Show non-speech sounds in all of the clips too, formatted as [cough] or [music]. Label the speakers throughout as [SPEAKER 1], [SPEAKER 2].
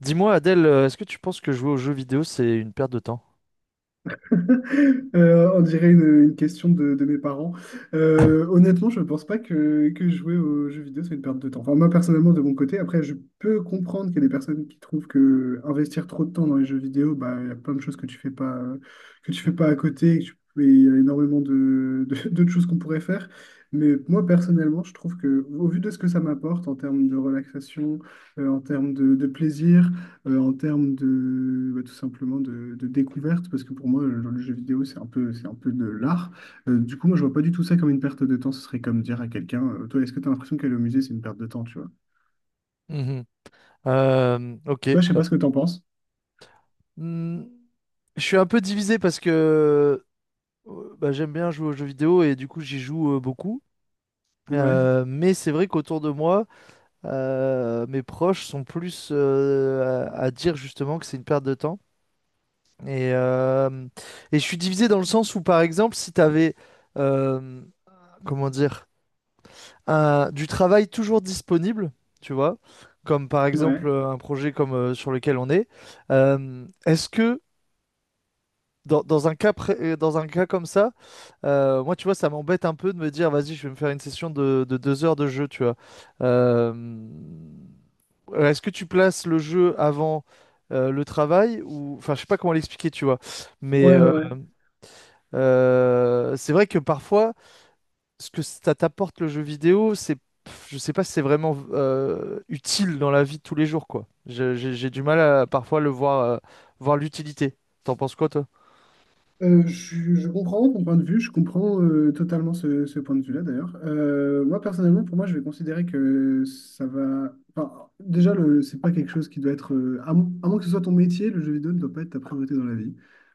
[SPEAKER 1] Dis-moi, Adèle, est-ce que tu penses que jouer aux jeux vidéo, c'est une perte de temps?
[SPEAKER 2] [laughs] On dirait une question de mes parents. Honnêtement, je ne pense pas que jouer aux jeux vidéo, c'est une perte de temps. Enfin, moi, personnellement, de mon côté, après, je peux comprendre qu'il y a des personnes qui trouvent que investir trop de temps dans les jeux vidéo, bah, il y a plein de choses que tu fais pas à côté, et il y a énormément [laughs] d'autres choses qu'on pourrait faire. Mais moi, personnellement, je trouve que, au vu de ce que ça m'apporte en termes de relaxation, en termes de plaisir, en termes de bah, tout simplement de découverte, parce que pour moi, le jeu vidéo, c'est un peu de l'art. Du coup, moi, je vois pas du tout ça comme une perte de temps. Ce serait comme dire à quelqu'un, toi, est-ce que tu as l'impression qu'aller au musée, c'est une perte de temps, tu vois?
[SPEAKER 1] Mhm. Ok.
[SPEAKER 2] Toi, je sais
[SPEAKER 1] euh,
[SPEAKER 2] pas ce que tu en penses.
[SPEAKER 1] hmm, je suis un peu divisé parce que bah, j'aime bien jouer aux jeux vidéo et du coup, j'y joue beaucoup.
[SPEAKER 2] Ouais,
[SPEAKER 1] Mais c'est vrai qu'autour de moi, mes proches sont plus à dire justement que c'est une perte de temps. Et, euh, et je suis divisé dans le sens où, par exemple, si tu avais, comment dire, du travail toujours disponible, tu vois, comme par exemple
[SPEAKER 2] ouais,
[SPEAKER 1] un projet comme sur lequel on est. Est-ce que dans un cas dans un cas comme ça, moi tu vois, ça m'embête un peu de me dire, vas-y, je vais me faire une session de 2 heures de jeu, tu vois. Euh, Est-ce que tu places le jeu avant le travail, ou enfin je sais pas comment l'expliquer, tu vois, mais
[SPEAKER 2] ouais, ouais, ouais.
[SPEAKER 1] c'est vrai que parfois ce que ça t'apporte le jeu vidéo, c'est, pff, je sais pas si c'est vraiment utile dans la vie de tous les jours, quoi. J'ai du mal à parfois le voir, voir l'utilité. T'en penses quoi, toi?
[SPEAKER 2] Euh, je, je comprends ton point de vue, je comprends totalement ce point de vue-là d'ailleurs. Moi personnellement, pour moi, je vais considérer que ça va. Enfin, déjà, c'est pas quelque chose qui doit être. À moins que ce soit ton métier, le jeu vidéo ne doit pas être ta priorité dans la vie.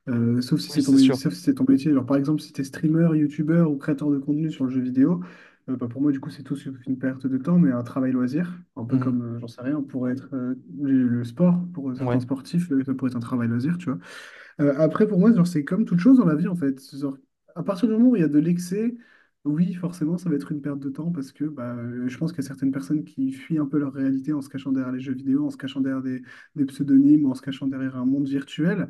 [SPEAKER 2] Sauf si
[SPEAKER 1] Oui,
[SPEAKER 2] c'est ton,
[SPEAKER 1] c'est
[SPEAKER 2] mé-
[SPEAKER 1] sûr.
[SPEAKER 2] sauf si c'est ton métier. Genre, par exemple, si tu es streamer, youtubeur ou créateur de contenu sur le jeu vidéo, bah, pour moi, du coup, c'est tout sauf une perte de temps, mais un travail loisir. Un peu
[SPEAKER 1] Mhm.
[SPEAKER 2] comme, j'en sais rien, pourrait être le sport, pour certains
[SPEAKER 1] Ouais.
[SPEAKER 2] sportifs, ça pourrait être un travail loisir, tu vois. Après, pour moi, genre, c'est comme toute chose dans la vie, en fait. Genre, à partir du moment où il y a de l'excès, oui, forcément, ça va être une perte de temps parce que bah, je pense qu'il y a certaines personnes qui fuient un peu leur réalité en se cachant derrière les jeux vidéo, en se cachant derrière des pseudonymes, en se cachant derrière un monde virtuel.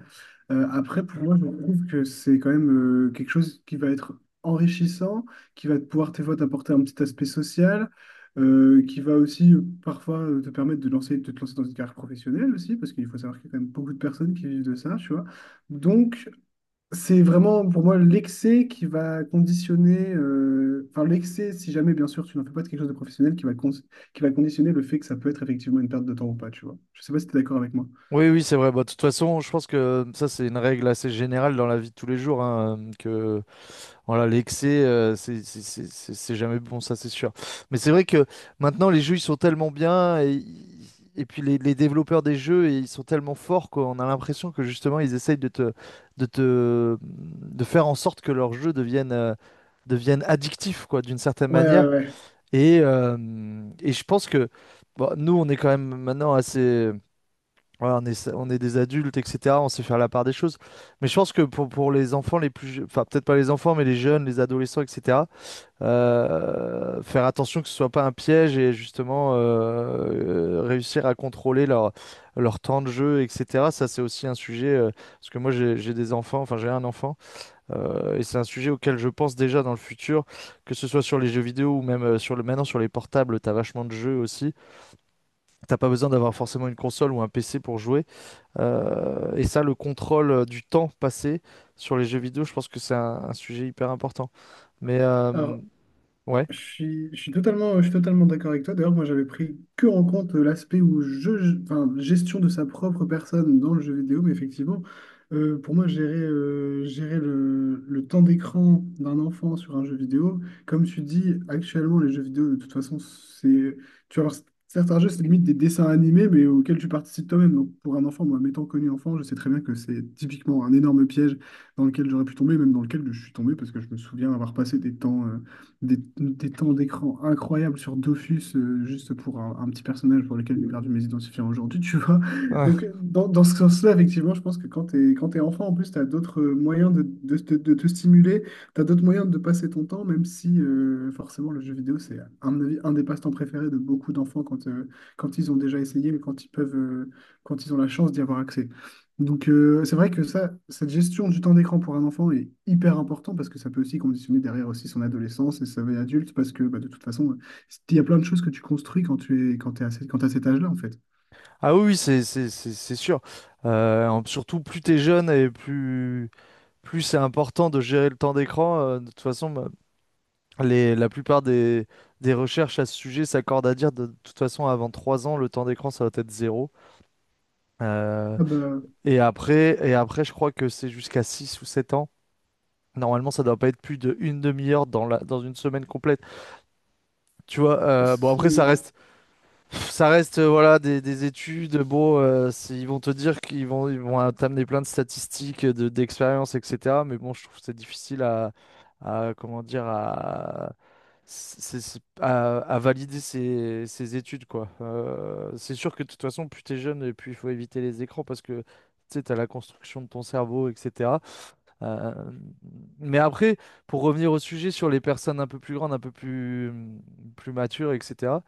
[SPEAKER 2] Après, pour moi, je trouve que c'est quand même quelque chose qui va être enrichissant, qui va pouvoir tes fois t'apporter un petit aspect social, qui va aussi parfois te permettre de te lancer dans une carrière professionnelle aussi, parce qu'il faut savoir qu'il y a quand même beaucoup de personnes qui vivent de ça, tu vois. Donc, c'est vraiment pour moi l'excès qui va conditionner, enfin l'excès, si jamais bien sûr tu n'en fais pas de quelque chose de professionnel, qui va conditionner le fait que ça peut être effectivement une perte de temps ou pas, tu vois. Je sais pas si tu es d'accord avec moi.
[SPEAKER 1] Oui, oui, c'est vrai. Bah, de toute façon, je pense que ça, c'est une règle assez générale dans la vie de tous les jours, hein, que voilà, l'excès, c'est jamais bon, ça c'est sûr. Mais c'est vrai que maintenant les jeux ils sont tellement bien, et puis les développeurs des jeux ils sont tellement forts qu'on a l'impression que justement ils essayent de faire en sorte que leurs jeux deviennent, deviennent addictifs quoi, d'une certaine
[SPEAKER 2] Ouais, ouais,
[SPEAKER 1] manière.
[SPEAKER 2] ouais.
[SPEAKER 1] Et, euh, et je pense que bon, nous on est quand même maintenant assez ouais, on est des adultes, etc. On sait faire la part des choses. Mais je pense que pour les enfants les plus... enfin, peut-être pas les enfants, mais les jeunes, les adolescents, etc. Faire attention que ce soit pas un piège et justement réussir à contrôler leur temps de jeu, etc. Ça, c'est aussi un sujet... parce que moi, j'ai des enfants, enfin, j'ai un enfant. Et c'est un sujet auquel je pense déjà dans le futur, que ce soit sur les jeux vidéo ou même maintenant sur les portables, t'as vachement de jeux aussi. T'as pas besoin d'avoir forcément une console ou un PC pour jouer. Et ça, le contrôle du temps passé sur les jeux vidéo, je pense que c'est un sujet hyper important. Mais euh,
[SPEAKER 2] Alors,
[SPEAKER 1] ouais.
[SPEAKER 2] Je
[SPEAKER 1] [laughs]
[SPEAKER 2] suis, je suis totalement, je suis totalement d'accord avec toi. D'ailleurs, moi, j'avais pris que en compte l'aspect où enfin, gestion de sa propre personne dans le jeu vidéo, mais effectivement, pour moi, gérer le temps d'écran d'un enfant sur un jeu vidéo, comme tu dis, actuellement, les jeux vidéo, de toute façon, c'est, tu vas voir, certains jeux, c'est limite des dessins animés, mais auxquels tu participes toi-même. Donc, pour un enfant, moi, m'étant connu enfant, je sais très bien que c'est typiquement un énorme piège dans lequel j'aurais pu tomber, même dans lequel je suis tombé, parce que je me souviens avoir passé des temps, des temps d'écran incroyables sur Dofus, juste pour un petit personnage pour lequel j'ai perdu mes identifiants aujourd'hui, tu vois.
[SPEAKER 1] Ouais.
[SPEAKER 2] Donc, dans ce sens-là, effectivement, je pense que quand t'es enfant, en plus, t'as d'autres moyens de te stimuler, t'as d'autres moyens de passer ton temps, même si, forcément, le jeu vidéo, c'est, à mon avis, un des passe-temps préférés de beaucoup d'enfants quand ils ont déjà essayé, mais quand ils peuvent, quand ils ont la chance d'y avoir accès. Donc, c'est vrai que cette gestion du temps d'écran pour un enfant est hyper important parce que ça peut aussi conditionner derrière aussi son adolescence et sa vie adulte parce que bah, de toute façon, il y a plein de choses que tu construis quand tu es, quand t'es à, cet- quand t'as cet âge-là, en fait.
[SPEAKER 1] Ah oui, oui, c'est sûr. Surtout plus t'es jeune et plus c'est important de gérer le temps d'écran. De toute façon, bah, la plupart des recherches à ce sujet s'accordent à dire de toute façon avant 3 ans, le temps d'écran ça doit être zéro. Euh,
[SPEAKER 2] Ah bah,
[SPEAKER 1] et après, je crois que c'est jusqu'à 6 ou 7 ans. Normalement, ça doit pas être plus de une demi-heure dans dans une semaine complète. Tu vois, bon après
[SPEAKER 2] c'est-
[SPEAKER 1] ça reste voilà des études. Bon, ils vont te dire ils vont t'amener plein de statistiques, de d'expériences, etc. Mais bon, je trouve que c'est difficile à, comment dire, à, c'est- à valider ces études, quoi. C'est sûr que de toute façon, plus t'es jeune, et plus il faut éviter les écrans parce que tu sais, t'as la construction de ton cerveau, etc. Euh, mais après, pour revenir au sujet sur les personnes un peu plus grandes, plus matures, etc.,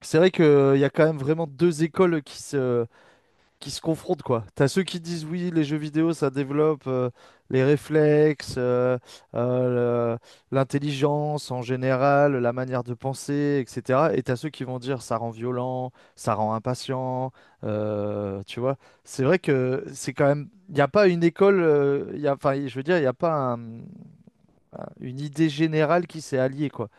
[SPEAKER 1] c'est vrai qu'il y a quand même vraiment deux écoles qui se confrontent, quoi. T'as ceux qui disent oui, les jeux vidéo, ça développe les réflexes, euh, le- l'intelligence en général, la manière de penser, etc. Et t'as ceux qui vont dire ça rend violent, ça rend impatient, tu vois. C'est vrai que c'est quand même, il n'y a pas une école, il y a, enfin, je veux dire, il n'y a pas une idée générale qui s'est alliée, quoi.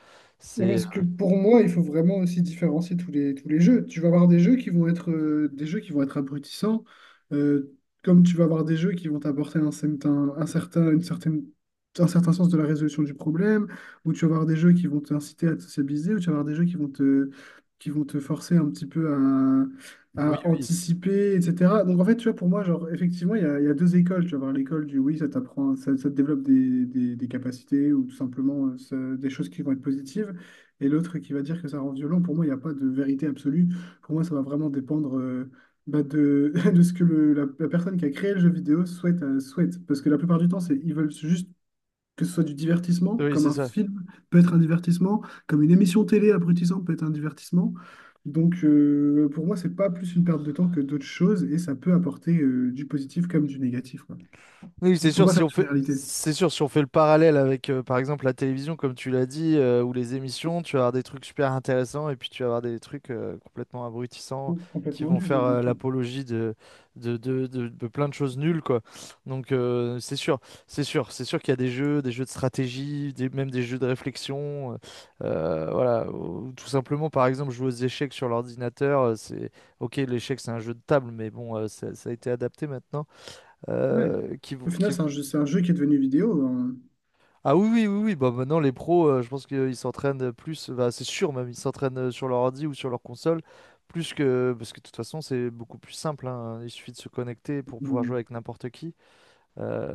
[SPEAKER 2] ouais,
[SPEAKER 1] C'est,
[SPEAKER 2] parce que pour moi, il faut vraiment aussi différencier tous les jeux. Tu vas avoir des jeux qui vont être, des jeux qui vont être abrutissants, euh, comme tu vas avoir des jeux qui vont t'apporter un certain sens de la résolution du problème, ou tu vas avoir des jeux qui vont t'inciter à te sociabiliser, ou tu vas avoir des jeux qui vont te forcer un petit peu à,
[SPEAKER 1] oui,
[SPEAKER 2] à
[SPEAKER 1] oui,
[SPEAKER 2] anticiper, etc. Donc en fait, tu vois, pour moi, genre, effectivement, il y a deux écoles. Tu vas avoir l'école du oui, ça t'apprend, ça te développe des capacités, ou tout simplement des choses qui vont être positives et l'autre qui va dire que ça rend violent. Pour moi, il n'y a pas de vérité absolue. Pour moi, ça va vraiment dépendre bah, de, [laughs] de ce que la personne qui a créé le jeu vidéo souhaite. Parce que la plupart du temps, ils veulent juste que ce soit du divertissement,
[SPEAKER 1] oui,
[SPEAKER 2] comme
[SPEAKER 1] c'est
[SPEAKER 2] un
[SPEAKER 1] ça.
[SPEAKER 2] film peut être un divertissement, comme une émission télé abrutissante peut être un divertissement. Donc, pour moi, c'est pas plus une perte de temps que d'autres choses et ça peut apporter du positif comme du négatif, quoi.
[SPEAKER 1] Oui, c'est
[SPEAKER 2] Faut
[SPEAKER 1] sûr,
[SPEAKER 2] pas
[SPEAKER 1] si
[SPEAKER 2] faire
[SPEAKER 1] on
[SPEAKER 2] de
[SPEAKER 1] fait,
[SPEAKER 2] généralité.
[SPEAKER 1] c'est sûr, si on fait le parallèle avec, par exemple, la télévision, comme tu l'as dit, ou les émissions, tu vas avoir des trucs super intéressants et puis tu vas avoir des trucs complètement abrutissants qui
[SPEAKER 2] Complètement
[SPEAKER 1] vont
[SPEAKER 2] nul,
[SPEAKER 1] faire
[SPEAKER 2] ouais, bien sûr.
[SPEAKER 1] l'apologie de plein de choses nulles, quoi. Donc, c'est sûr qu'il y a des jeux de stratégie, même des jeux de réflexion. Voilà, ou tout simplement, par exemple, jouer aux échecs sur l'ordinateur, ok, l'échec, c'est un jeu de table, mais bon, ça a été adapté maintenant
[SPEAKER 2] Ouais.
[SPEAKER 1] euh, qui, vont-
[SPEAKER 2] Au final,
[SPEAKER 1] qui,
[SPEAKER 2] c'est un jeu qui est devenu vidéo, hein.
[SPEAKER 1] ah oui, oui, oui, oui. Bah, maintenant, les pros, je pense qu'ils s'entraînent plus, bah, c'est sûr même, ils s'entraînent sur leur ordi ou sur leur console, parce que de toute façon, c'est beaucoup plus simple, hein. Il suffit de se connecter pour pouvoir jouer
[SPEAKER 2] Mmh.
[SPEAKER 1] avec n'importe qui. Euh,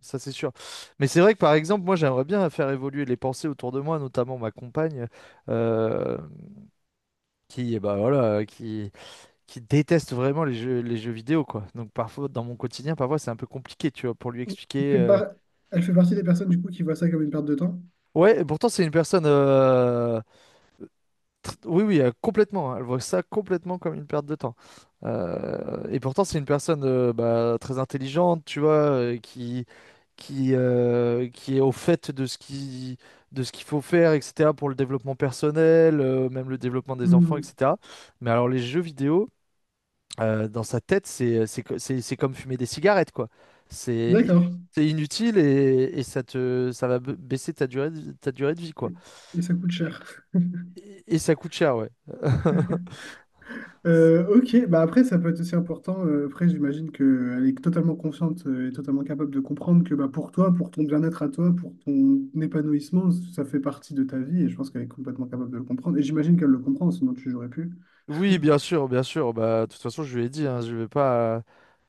[SPEAKER 1] Ça, c'est sûr. Mais c'est vrai que, par exemple, moi, j'aimerais bien faire évoluer les pensées autour de moi, notamment ma compagne, euh, bah, voilà, qui déteste vraiment les jeux vidéo, quoi. Donc, parfois, dans mon quotidien, parfois, c'est un peu compliqué, tu vois, pour lui expliquer.
[SPEAKER 2] fait
[SPEAKER 1] euh,
[SPEAKER 2] par- Elle fait partie des personnes du coup qui voient ça comme une perte de temps.
[SPEAKER 1] Ouais, et pourtant c'est une personne. Oui, oui, complètement, hein. Elle voit ça complètement comme une perte de temps. Et pourtant, c'est une personne bah, très intelligente, tu vois, qui est au fait de ce qu'il faut faire, etc., pour le développement personnel, même le développement des enfants,
[SPEAKER 2] Hmm.
[SPEAKER 1] etc. Mais alors, les jeux vidéo, dans sa tête, c'est comme fumer des cigarettes, quoi.
[SPEAKER 2] D'accord.
[SPEAKER 1] C'est inutile et ça va baisser ta durée de vie,
[SPEAKER 2] Et
[SPEAKER 1] quoi.
[SPEAKER 2] et ça coûte cher. [laughs]
[SPEAKER 1] Et ça coûte cher, ouais. [laughs]
[SPEAKER 2] OK, bah après ça peut être aussi important. Après j'imagine qu'elle est totalement consciente et totalement capable de comprendre que bah, pour toi, pour ton bien-être à toi, pour ton épanouissement, ça fait partie de ta vie et je pense qu'elle est complètement capable de le comprendre. Et j'imagine qu'elle le comprend, sinon tu n'aurais plus. [laughs]
[SPEAKER 1] Oui, bien sûr, bien sûr. Bah, de toute façon, je lui ai dit, hein,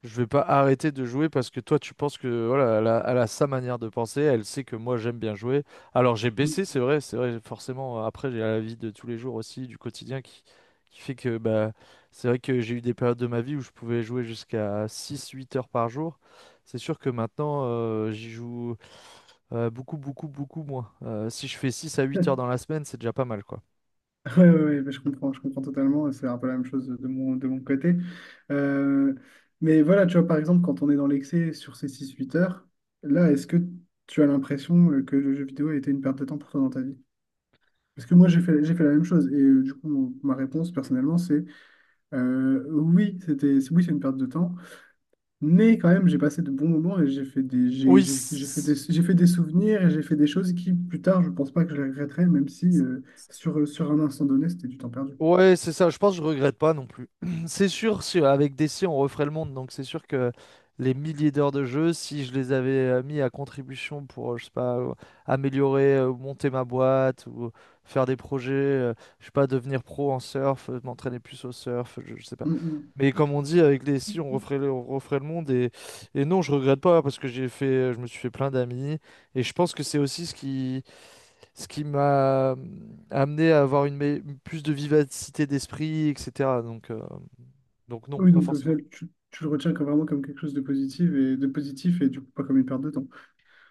[SPEAKER 1] je vais pas arrêter de jouer parce que toi, tu penses que voilà, elle a sa manière de penser. Elle sait que moi, j'aime bien jouer. Alors, j'ai baissé, c'est vrai, c'est vrai. Forcément, après, j'ai la vie de tous les jours aussi, du quotidien, qui fait que bah, c'est vrai que j'ai eu des périodes de ma vie où je pouvais jouer jusqu'à 6, 8 heures par jour. C'est sûr que maintenant, j'y joue beaucoup, beaucoup, beaucoup moins. Si je fais 6 à 8 heures dans la semaine, c'est déjà pas mal, quoi.
[SPEAKER 2] Ouais, ouais, ouais, mais je comprends totalement. C'est un peu la même chose de mon côté. Euh, mais voilà, tu vois, par exemple, quand on est dans l'excès sur ces 6-8 heures, là, est-ce que tu as l'impression que le jeu vidéo a été une perte de temps pour toi dans ta vie? Parce que moi, j'ai fait la même chose. Et du coup, ma réponse, personnellement, c'est oui, c'était, oui, c'est une perte de temps. Mais quand même, j'ai passé de bons moments et
[SPEAKER 1] Oui, c-
[SPEAKER 2] j'ai fait des souvenirs et j'ai fait des choses qui, plus tard, je pense pas que je les regretterai, même si sur un instant donné, c'était du temps perdu.
[SPEAKER 1] Ouais, c'est ça. Je pense que je regrette pas non plus. [clears throat] C'est sûr, si avec DC, on referait le monde. Donc, c'est sûr que les milliers d'heures de jeu, si je les avais mis à contribution pour, je sais pas, monter ma boîte ou faire des projets, je sais pas, devenir pro en surf, m'entraîner plus au surf, je sais pas.
[SPEAKER 2] Mm, mm.
[SPEAKER 1] Mais comme on dit, avec les si, on referait le monde. Et non, je regrette pas parce que je me suis fait plein d'amis. Et je pense que c'est aussi ce qui m'a amené à avoir plus de vivacité d'esprit, etc. Donc non,
[SPEAKER 2] Oui,
[SPEAKER 1] pas
[SPEAKER 2] donc au
[SPEAKER 1] forcément.
[SPEAKER 2] final, tu le retiens comme vraiment comme quelque chose de positif et du coup pas comme une perte de temps.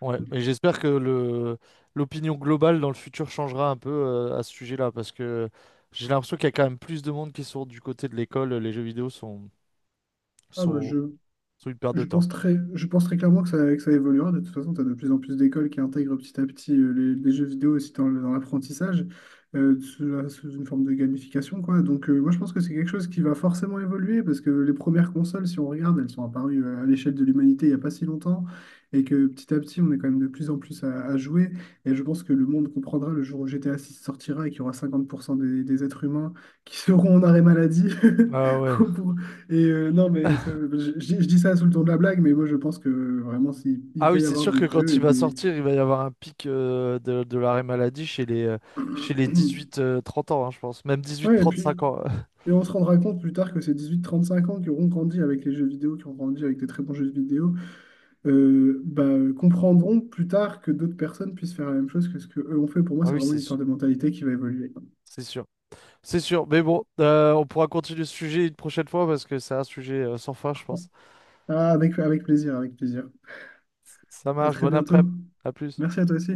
[SPEAKER 1] Ouais, mais j'espère que le l'opinion globale dans le futur changera un peu à ce sujet-là, parce que j'ai l'impression qu'il y a quand même plus de monde qui sont du côté de l'école. Les jeux vidéo
[SPEAKER 2] Ah bah
[SPEAKER 1] sont,
[SPEAKER 2] je,
[SPEAKER 1] sont une perte de
[SPEAKER 2] Je pense
[SPEAKER 1] temps.
[SPEAKER 2] très, je pense très clairement que ça évoluera. De toute façon, tu as de plus en plus d'écoles qui intègrent petit à petit les jeux vidéo aussi dans l'apprentissage, sous une forme de gamification, quoi. Donc, moi, je pense que c'est quelque chose qui va forcément évoluer parce que les premières consoles, si on regarde, elles sont apparues à l'échelle de l'humanité il n'y a pas si longtemps et que petit à petit, on est quand même de plus en plus à jouer. Et je pense que le monde comprendra le jour où GTA 6 sortira et qu'il y aura 50% des êtres humains qui seront en arrêt maladie
[SPEAKER 1] Ah
[SPEAKER 2] [laughs]
[SPEAKER 1] ouais.
[SPEAKER 2] pour, non, mais ça-
[SPEAKER 1] [laughs]
[SPEAKER 2] je, je dis ça sous le ton de la blague, mais moi je pense que vraiment, il
[SPEAKER 1] Ah oui,
[SPEAKER 2] peut y
[SPEAKER 1] c'est
[SPEAKER 2] avoir
[SPEAKER 1] sûr
[SPEAKER 2] des
[SPEAKER 1] que quand
[SPEAKER 2] jeux et
[SPEAKER 1] il va
[SPEAKER 2] des.
[SPEAKER 1] sortir, il va y avoir un pic de l'arrêt maladie chez les
[SPEAKER 2] [clears throat]
[SPEAKER 1] 18-30 ans, hein, je pense. Même
[SPEAKER 2] Ouais, et puis
[SPEAKER 1] 18-35 ans. [laughs]
[SPEAKER 2] et on se rendra compte plus tard que ces 18-35 ans qui auront grandi avec les jeux vidéo, qui ont grandi avec des très bons jeux vidéo, bah, comprendront plus tard que d'autres personnes puissent faire la même chose que ce qu'eux ont fait. Pour moi,
[SPEAKER 1] Ah
[SPEAKER 2] c'est
[SPEAKER 1] oui,
[SPEAKER 2] vraiment une histoire de mentalité qui va évoluer.
[SPEAKER 1] c'est sûr. C'est sûr, mais bon, on pourra continuer ce sujet une prochaine fois parce que c'est un sujet sans fin, je pense.
[SPEAKER 2] Ah, avec plaisir, avec plaisir.
[SPEAKER 1] Ça
[SPEAKER 2] À
[SPEAKER 1] marche,
[SPEAKER 2] très
[SPEAKER 1] bon
[SPEAKER 2] bientôt.
[SPEAKER 1] après-midi, à plus.
[SPEAKER 2] Merci à toi aussi.